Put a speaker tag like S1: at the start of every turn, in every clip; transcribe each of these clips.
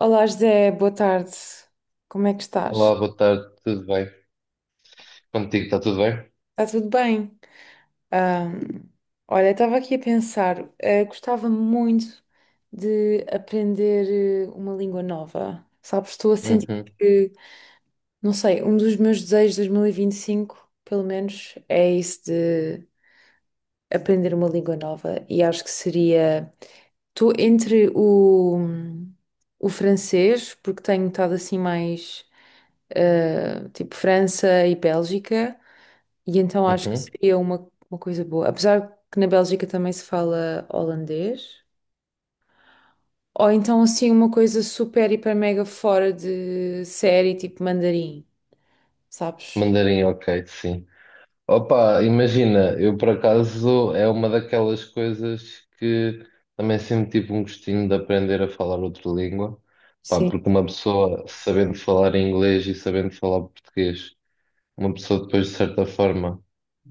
S1: Olá, José, boa tarde. Como é que estás?
S2: Olá, boa tarde, tudo bem? Contigo está tudo bem?
S1: Está tudo bem? Ahm, olha, estava aqui a pensar, gostava muito de aprender uma língua nova. Sabes, estou a sentir
S2: Uhum,
S1: que, não sei, um dos meus desejos de 2025, pelo menos, é isso de aprender uma língua nova. E acho que seria. Estou entre o francês, porque tenho estado assim mais tipo França e Bélgica, e então acho que
S2: uhum.
S1: seria uma coisa boa. Apesar que na Bélgica também se fala holandês, ou então assim uma coisa super, hiper, mega fora de série, tipo mandarim, sabes?
S2: Mandarim, ok, sim. Opa, imagina, eu por acaso é uma daquelas coisas que também sempre tive um gostinho de aprender a falar outra língua, pá,
S1: Sim.
S2: porque uma pessoa sabendo falar inglês e sabendo falar português, uma pessoa depois de certa forma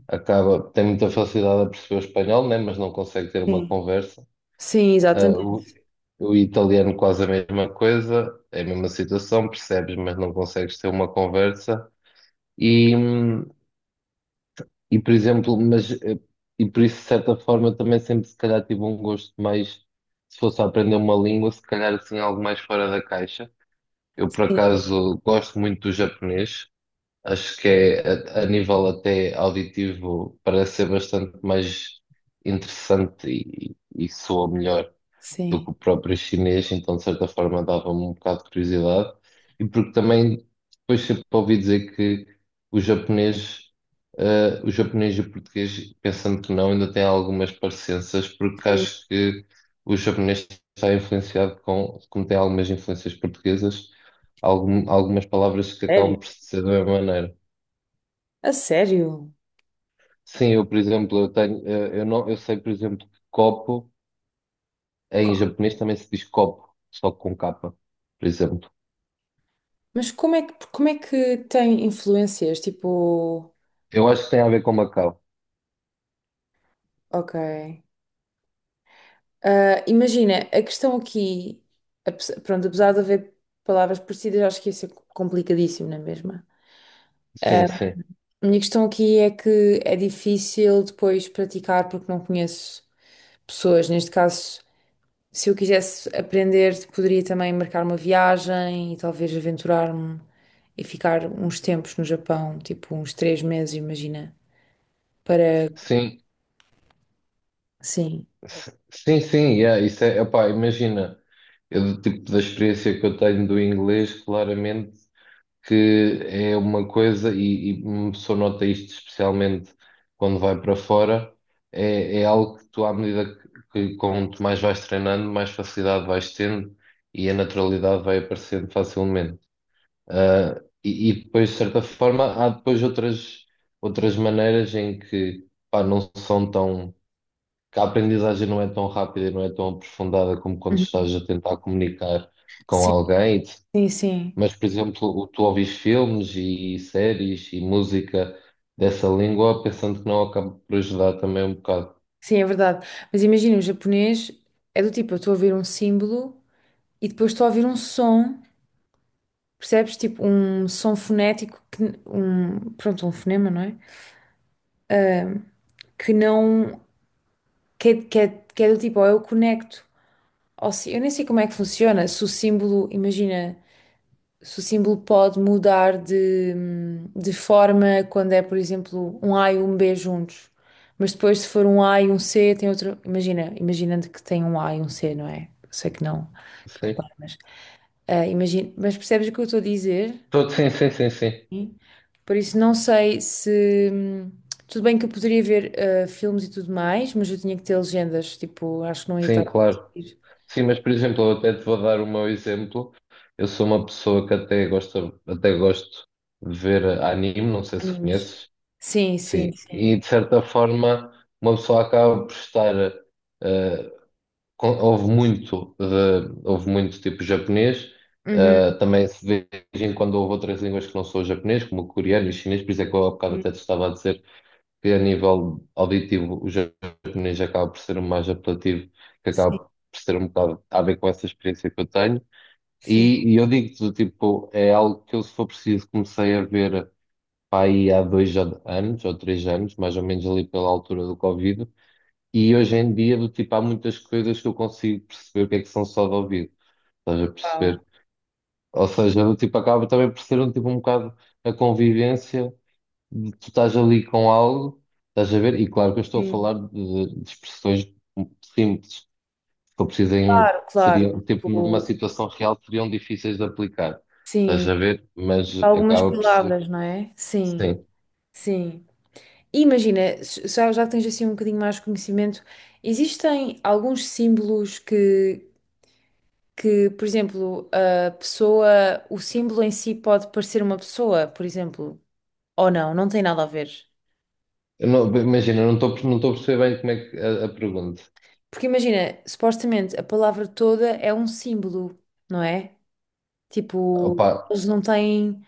S2: acaba, tem muita facilidade a perceber o espanhol, né, mas não consegue ter uma
S1: Sim,
S2: conversa.
S1: sim,
S2: Ah,
S1: exatamente.
S2: o italiano quase a mesma coisa, é a mesma situação, percebes, mas não consegues ter uma conversa. E, hum, e por exemplo, mas, e por isso, de certa forma, também sempre se calhar tive um gosto mais, se fosse a aprender uma língua, se calhar assim algo mais fora da caixa. Eu, por
S1: Sim,
S2: acaso, gosto muito do japonês, acho que é, a nível até auditivo, parece ser bastante mais interessante e soa melhor do
S1: sim.
S2: que o próprio chinês, então de certa forma dava-me um bocado de curiosidade, e porque também depois sempre ouvi dizer que o japonês, o japonês e o português, pensando que não, ainda têm algumas parecenças, porque
S1: Sim.
S2: acho que o japonês está influenciado como tem algumas influências portuguesas, algumas palavras que acabam
S1: Sério?
S2: por ser da mesma maneira.
S1: A sério?
S2: Sim, eu, por exemplo, eu tenho, eu não, eu sei, por exemplo, que copo em japonês também se diz copo, só com capa, por exemplo.
S1: Mas como é que tem influências? Tipo,
S2: Eu acho que tem a ver com Macau.
S1: ok. Ah, imagina, a questão aqui, pronto, apesar de haver palavras parecidas, acho que isso é complicadíssimo, não é mesmo?
S2: Sim,
S1: Ah,
S2: sim.
S1: a minha questão aqui é que é difícil depois praticar porque não conheço pessoas. Neste caso, se eu quisesse aprender, poderia também marcar uma viagem e talvez aventurar-me e ficar uns tempos no Japão, tipo uns 3 meses, imagina, para,
S2: Sim,
S1: sim.
S2: sim, sim, yeah, isso é, opá, imagina, eu do tipo da experiência que eu tenho do inglês, claramente que é uma coisa, e uma pessoa nota isto especialmente quando vai para fora, é, é algo que tu, à medida que quanto mais vais treinando, mais facilidade vais tendo e a naturalidade vai aparecendo facilmente. Ah, e depois, de certa forma, há depois outras, outras maneiras em que, pá, não são tão, que a aprendizagem não é tão rápida e não é tão aprofundada como quando estás a tentar comunicar com
S1: Sim,
S2: alguém.
S1: sim, sim.
S2: Mas, por exemplo, tu ouvis filmes e séries e música dessa língua, pensando que não acaba por ajudar também um bocado.
S1: Sim, é verdade. Mas imagina, o japonês é do tipo, eu estou a ouvir um símbolo e depois estou a ouvir um som, percebes? Tipo, um som fonético, que, um, pronto, um fonema, não é? Que não, que, que é do tipo, ou eu conecto, ou se, eu nem sei como é que funciona, se o símbolo, imagina. Se o símbolo pode mudar de forma quando é, por exemplo, um A e um B juntos. Mas depois, se for um A e um C, tem outro. Imagina, imaginando que tem um A e um C, não é? Sei que não
S2: Sim.
S1: para, mas. Ah, imagina, mas percebes o que eu estou a dizer?
S2: Sim, sim, sim, sim.
S1: Sim. Por isso, não sei se. Tudo bem que eu poderia ver filmes e tudo mais, mas eu tinha que ter legendas. Tipo, acho que não ia estar
S2: Sim,
S1: a
S2: claro.
S1: conseguir.
S2: Sim, mas por exemplo, eu até te vou dar o meu exemplo. Eu sou uma pessoa que até gosta, até gosto de ver anime, não sei se
S1: Animes.
S2: conheces.
S1: Sim, sim,
S2: Sim,
S1: sim.
S2: e de certa forma uma pessoa acaba por estar eh, ouve muito de, ouve muito tipo japonês,
S1: Uhum.
S2: também se vê de vez em quando ouve outras línguas que não são o japonês, como o coreano e o chinês, por isso é que eu há bocado até te estava a dizer que a nível auditivo o japonês acaba por ser o mais apelativo, que acaba
S1: Sim,
S2: por ser um bocado a ver com essa experiência que eu tenho.
S1: sim.
S2: E eu digo-te, do tipo, é algo que eu, se for preciso, comecei a ver pá, aí há dois anos ou 3 anos, mais ou menos ali pela altura do Covid, e hoje em dia, do tipo, há muitas coisas que eu consigo perceber o que é que são só de ouvido, estás a
S1: Uau.
S2: perceber? Ou seja, do tipo, acaba também por ser um tipo um bocado a convivência tu estás ali com algo, estás a ver, e claro que eu estou a
S1: Sim.
S2: falar de expressões simples, que eu precisem,
S1: Claro, claro.
S2: seriam, tipo, numa
S1: Tipo,
S2: situação real, seriam difíceis de aplicar, estás
S1: sim,
S2: a ver, mas
S1: algumas
S2: acaba por ser,
S1: palavras, não é? Sim,
S2: sim.
S1: sim. E imagina, já que tens assim um bocadinho mais de conhecimento, existem alguns símbolos que, por exemplo, a pessoa, o símbolo em si pode parecer uma pessoa, por exemplo, ou não, não tem nada a ver.
S2: Eu não- imagina, eu não estou, não estou a perceber bem como é que a pergunta.
S1: Porque imagina, supostamente a palavra toda é um símbolo, não é?
S2: Opa,
S1: Tipo, eles não têm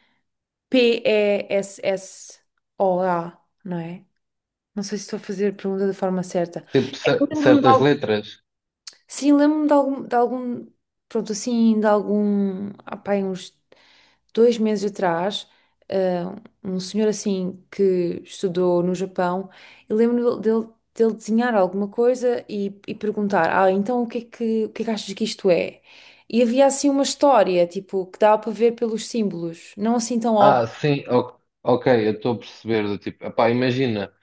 S1: P-E-S-S-O-A, não é? Não sei se estou a fazer a pergunta da forma certa.
S2: tipo,
S1: É que lembro-me de
S2: certas
S1: algo.
S2: letras.
S1: Sim, lembro-me de algum. Pronto, assim, de algum. Ah, pá, aí uns 2 meses atrás, ah, um senhor assim que estudou no Japão, e lembro-me dele, dele desenhar alguma coisa e perguntar: Ah, então o que é que, o que é que achas que isto é? E havia assim uma história, tipo, que dava para ver pelos símbolos. Não assim tão óbvio.
S2: Ah, sim, ok, eu estou a perceber, do tipo, epá, imagina.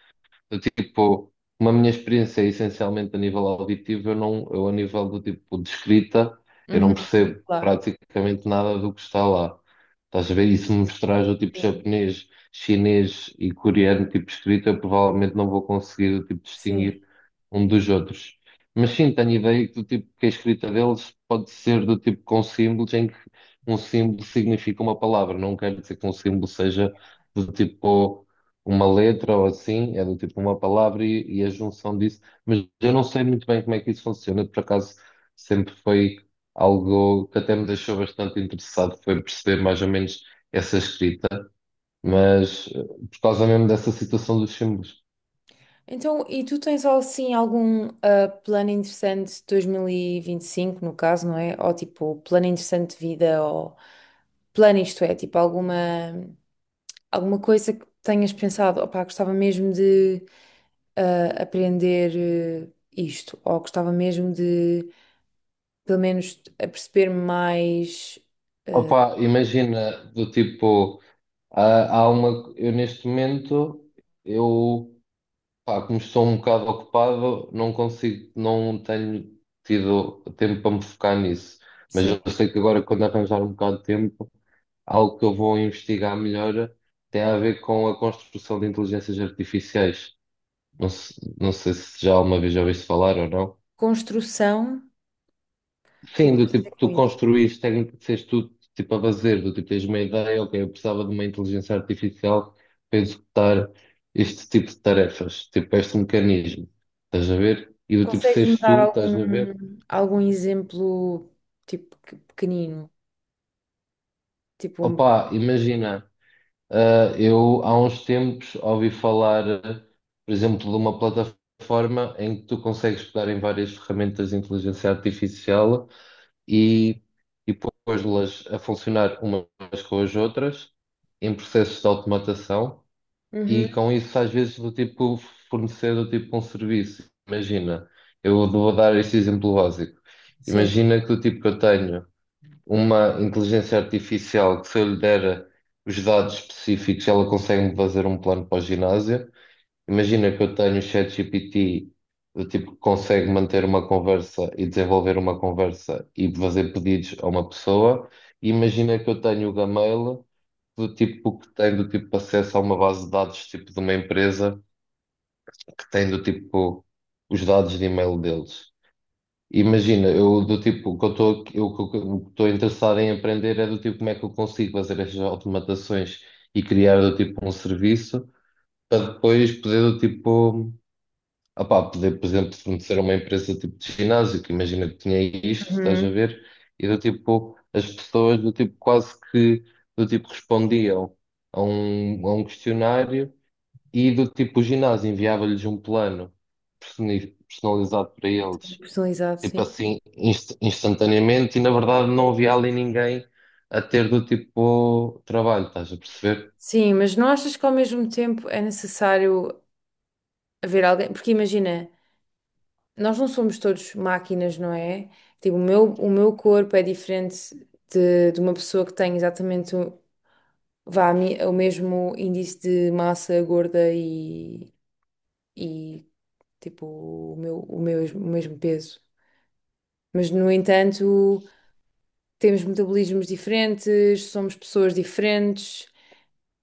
S2: Do tipo, uma minha experiência é essencialmente a nível auditivo, eu não, eu a nível do tipo de escrita, eu não
S1: Uhum,
S2: percebo
S1: claro.
S2: praticamente nada do que está lá. Estás a ver? E se me mostrares o tipo
S1: Sim,
S2: japonês, chinês e coreano, tipo escrita, eu provavelmente não vou conseguir tipo,
S1: sim.
S2: distinguir um dos outros. Mas sim, tenho ideia que, do tipo, que a escrita deles pode ser do tipo com símbolos, em que um símbolo significa uma palavra. Não quer dizer que um símbolo seja do tipo uma letra ou assim, é do tipo uma palavra e a junção disso, mas eu não sei muito bem como é que isso funciona, por acaso sempre foi algo que até me deixou bastante interessado, foi perceber mais ou menos essa escrita, mas por causa mesmo dessa situação dos símbolos.
S1: Então, e tu tens assim algum plano interessante de 2025, no caso, não é? Ou tipo, plano interessante de vida, ou plano isto é, tipo, alguma coisa que tenhas pensado, opá, gostava mesmo de aprender isto, ou gostava mesmo de, pelo menos, perceber mais,
S2: Opa, imagina do tipo, ah, há uma, eu neste momento, eu pá, como estou um bocado ocupado, não consigo, não tenho tido tempo para me focar nisso. Mas
S1: sim,
S2: eu sei que agora, quando arranjar um bocado de tempo, algo que eu vou investigar melhor tem a ver com a construção de inteligências artificiais. Não, não sei se já alguma vez já ouviste falar ou não.
S1: construção. O que é que
S2: Sim, do
S1: queres dizer
S2: tipo,
S1: com
S2: tu
S1: isso?
S2: construíste, tecnicamente, tu, tipo, a fazer, do tipo, tens uma ideia, ok, eu precisava de uma inteligência artificial para executar este tipo de tarefas, tipo, este mecanismo, estás a ver? E do tipo,
S1: Consegues-me
S2: seres
S1: dar
S2: tu, estás a ver?
S1: algum exemplo, tipo, pequenino? Tipo, um.
S2: Opa, imagina, ah, eu há uns tempos ouvi falar, ah, por exemplo, de uma plataforma em que tu consegues pegar em várias ferramentas de inteligência artificial e, e pôs-las a funcionar umas com as outras em processos de automatação e
S1: Uhum,
S2: com isso às vezes do tipo fornecer do tipo um serviço. Imagina, eu vou dar este exemplo básico.
S1: sim.
S2: Imagina que do tipo que eu tenho uma inteligência artificial que se eu lhe der os dados específicos, ela consegue-me fazer um plano para o ginásio. Imagina que eu tenho o ChatGPT do tipo que consegue manter uma conversa e desenvolver uma conversa e fazer pedidos a uma pessoa. E imagina que eu tenho o Gmail do tipo que tem do tipo acesso a uma base de dados tipo de uma empresa que tem do tipo os dados de e-mail deles. Imagina, eu do tipo, o que eu estou interessado em aprender é do tipo como é que eu consigo fazer estas automatações e criar do tipo um serviço para depois poder do tipo ah pá, poder, por exemplo, fornecer a uma empresa tipo de ginásio, que imagina que tinha isto, estás a
S1: Uhum.
S2: ver? E do tipo, as pessoas do tipo quase que do tipo respondiam a um questionário e do tipo o ginásio enviava-lhes um plano personalizado para eles,
S1: Personalizado,
S2: tipo
S1: sim.
S2: assim, instantaneamente, e na verdade não havia ali ninguém a ter do tipo trabalho, estás a perceber?
S1: Sim, mas não achas que ao mesmo tempo é necessário haver alguém? Porque imagina, nós não somos todos máquinas, não é? Tipo, o meu, corpo é diferente de uma pessoa que tem exatamente o, vá, o mesmo índice de massa gorda e tipo, o mesmo peso. Mas, no entanto, temos metabolismos diferentes, somos pessoas diferentes.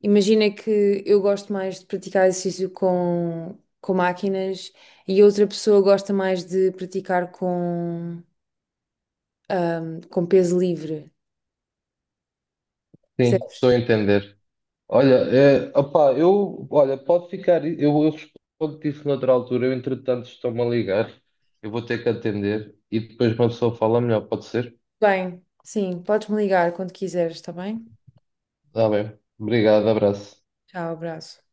S1: Imagina que eu gosto mais de praticar exercício com máquinas e outra pessoa gosta mais de praticar com, peso livre,
S2: Sim, estou a
S1: percebes?
S2: entender. Olha, é, opá, eu, olha, pode ficar, eu respondo-te isso noutra altura, eu entretanto estou-me a ligar, eu vou ter que atender e depois uma pessoa fala melhor, pode ser?
S1: Bem, sim, podes me ligar quando quiseres, está bem?
S2: Está bem, obrigado, abraço.
S1: Tchau, abraço.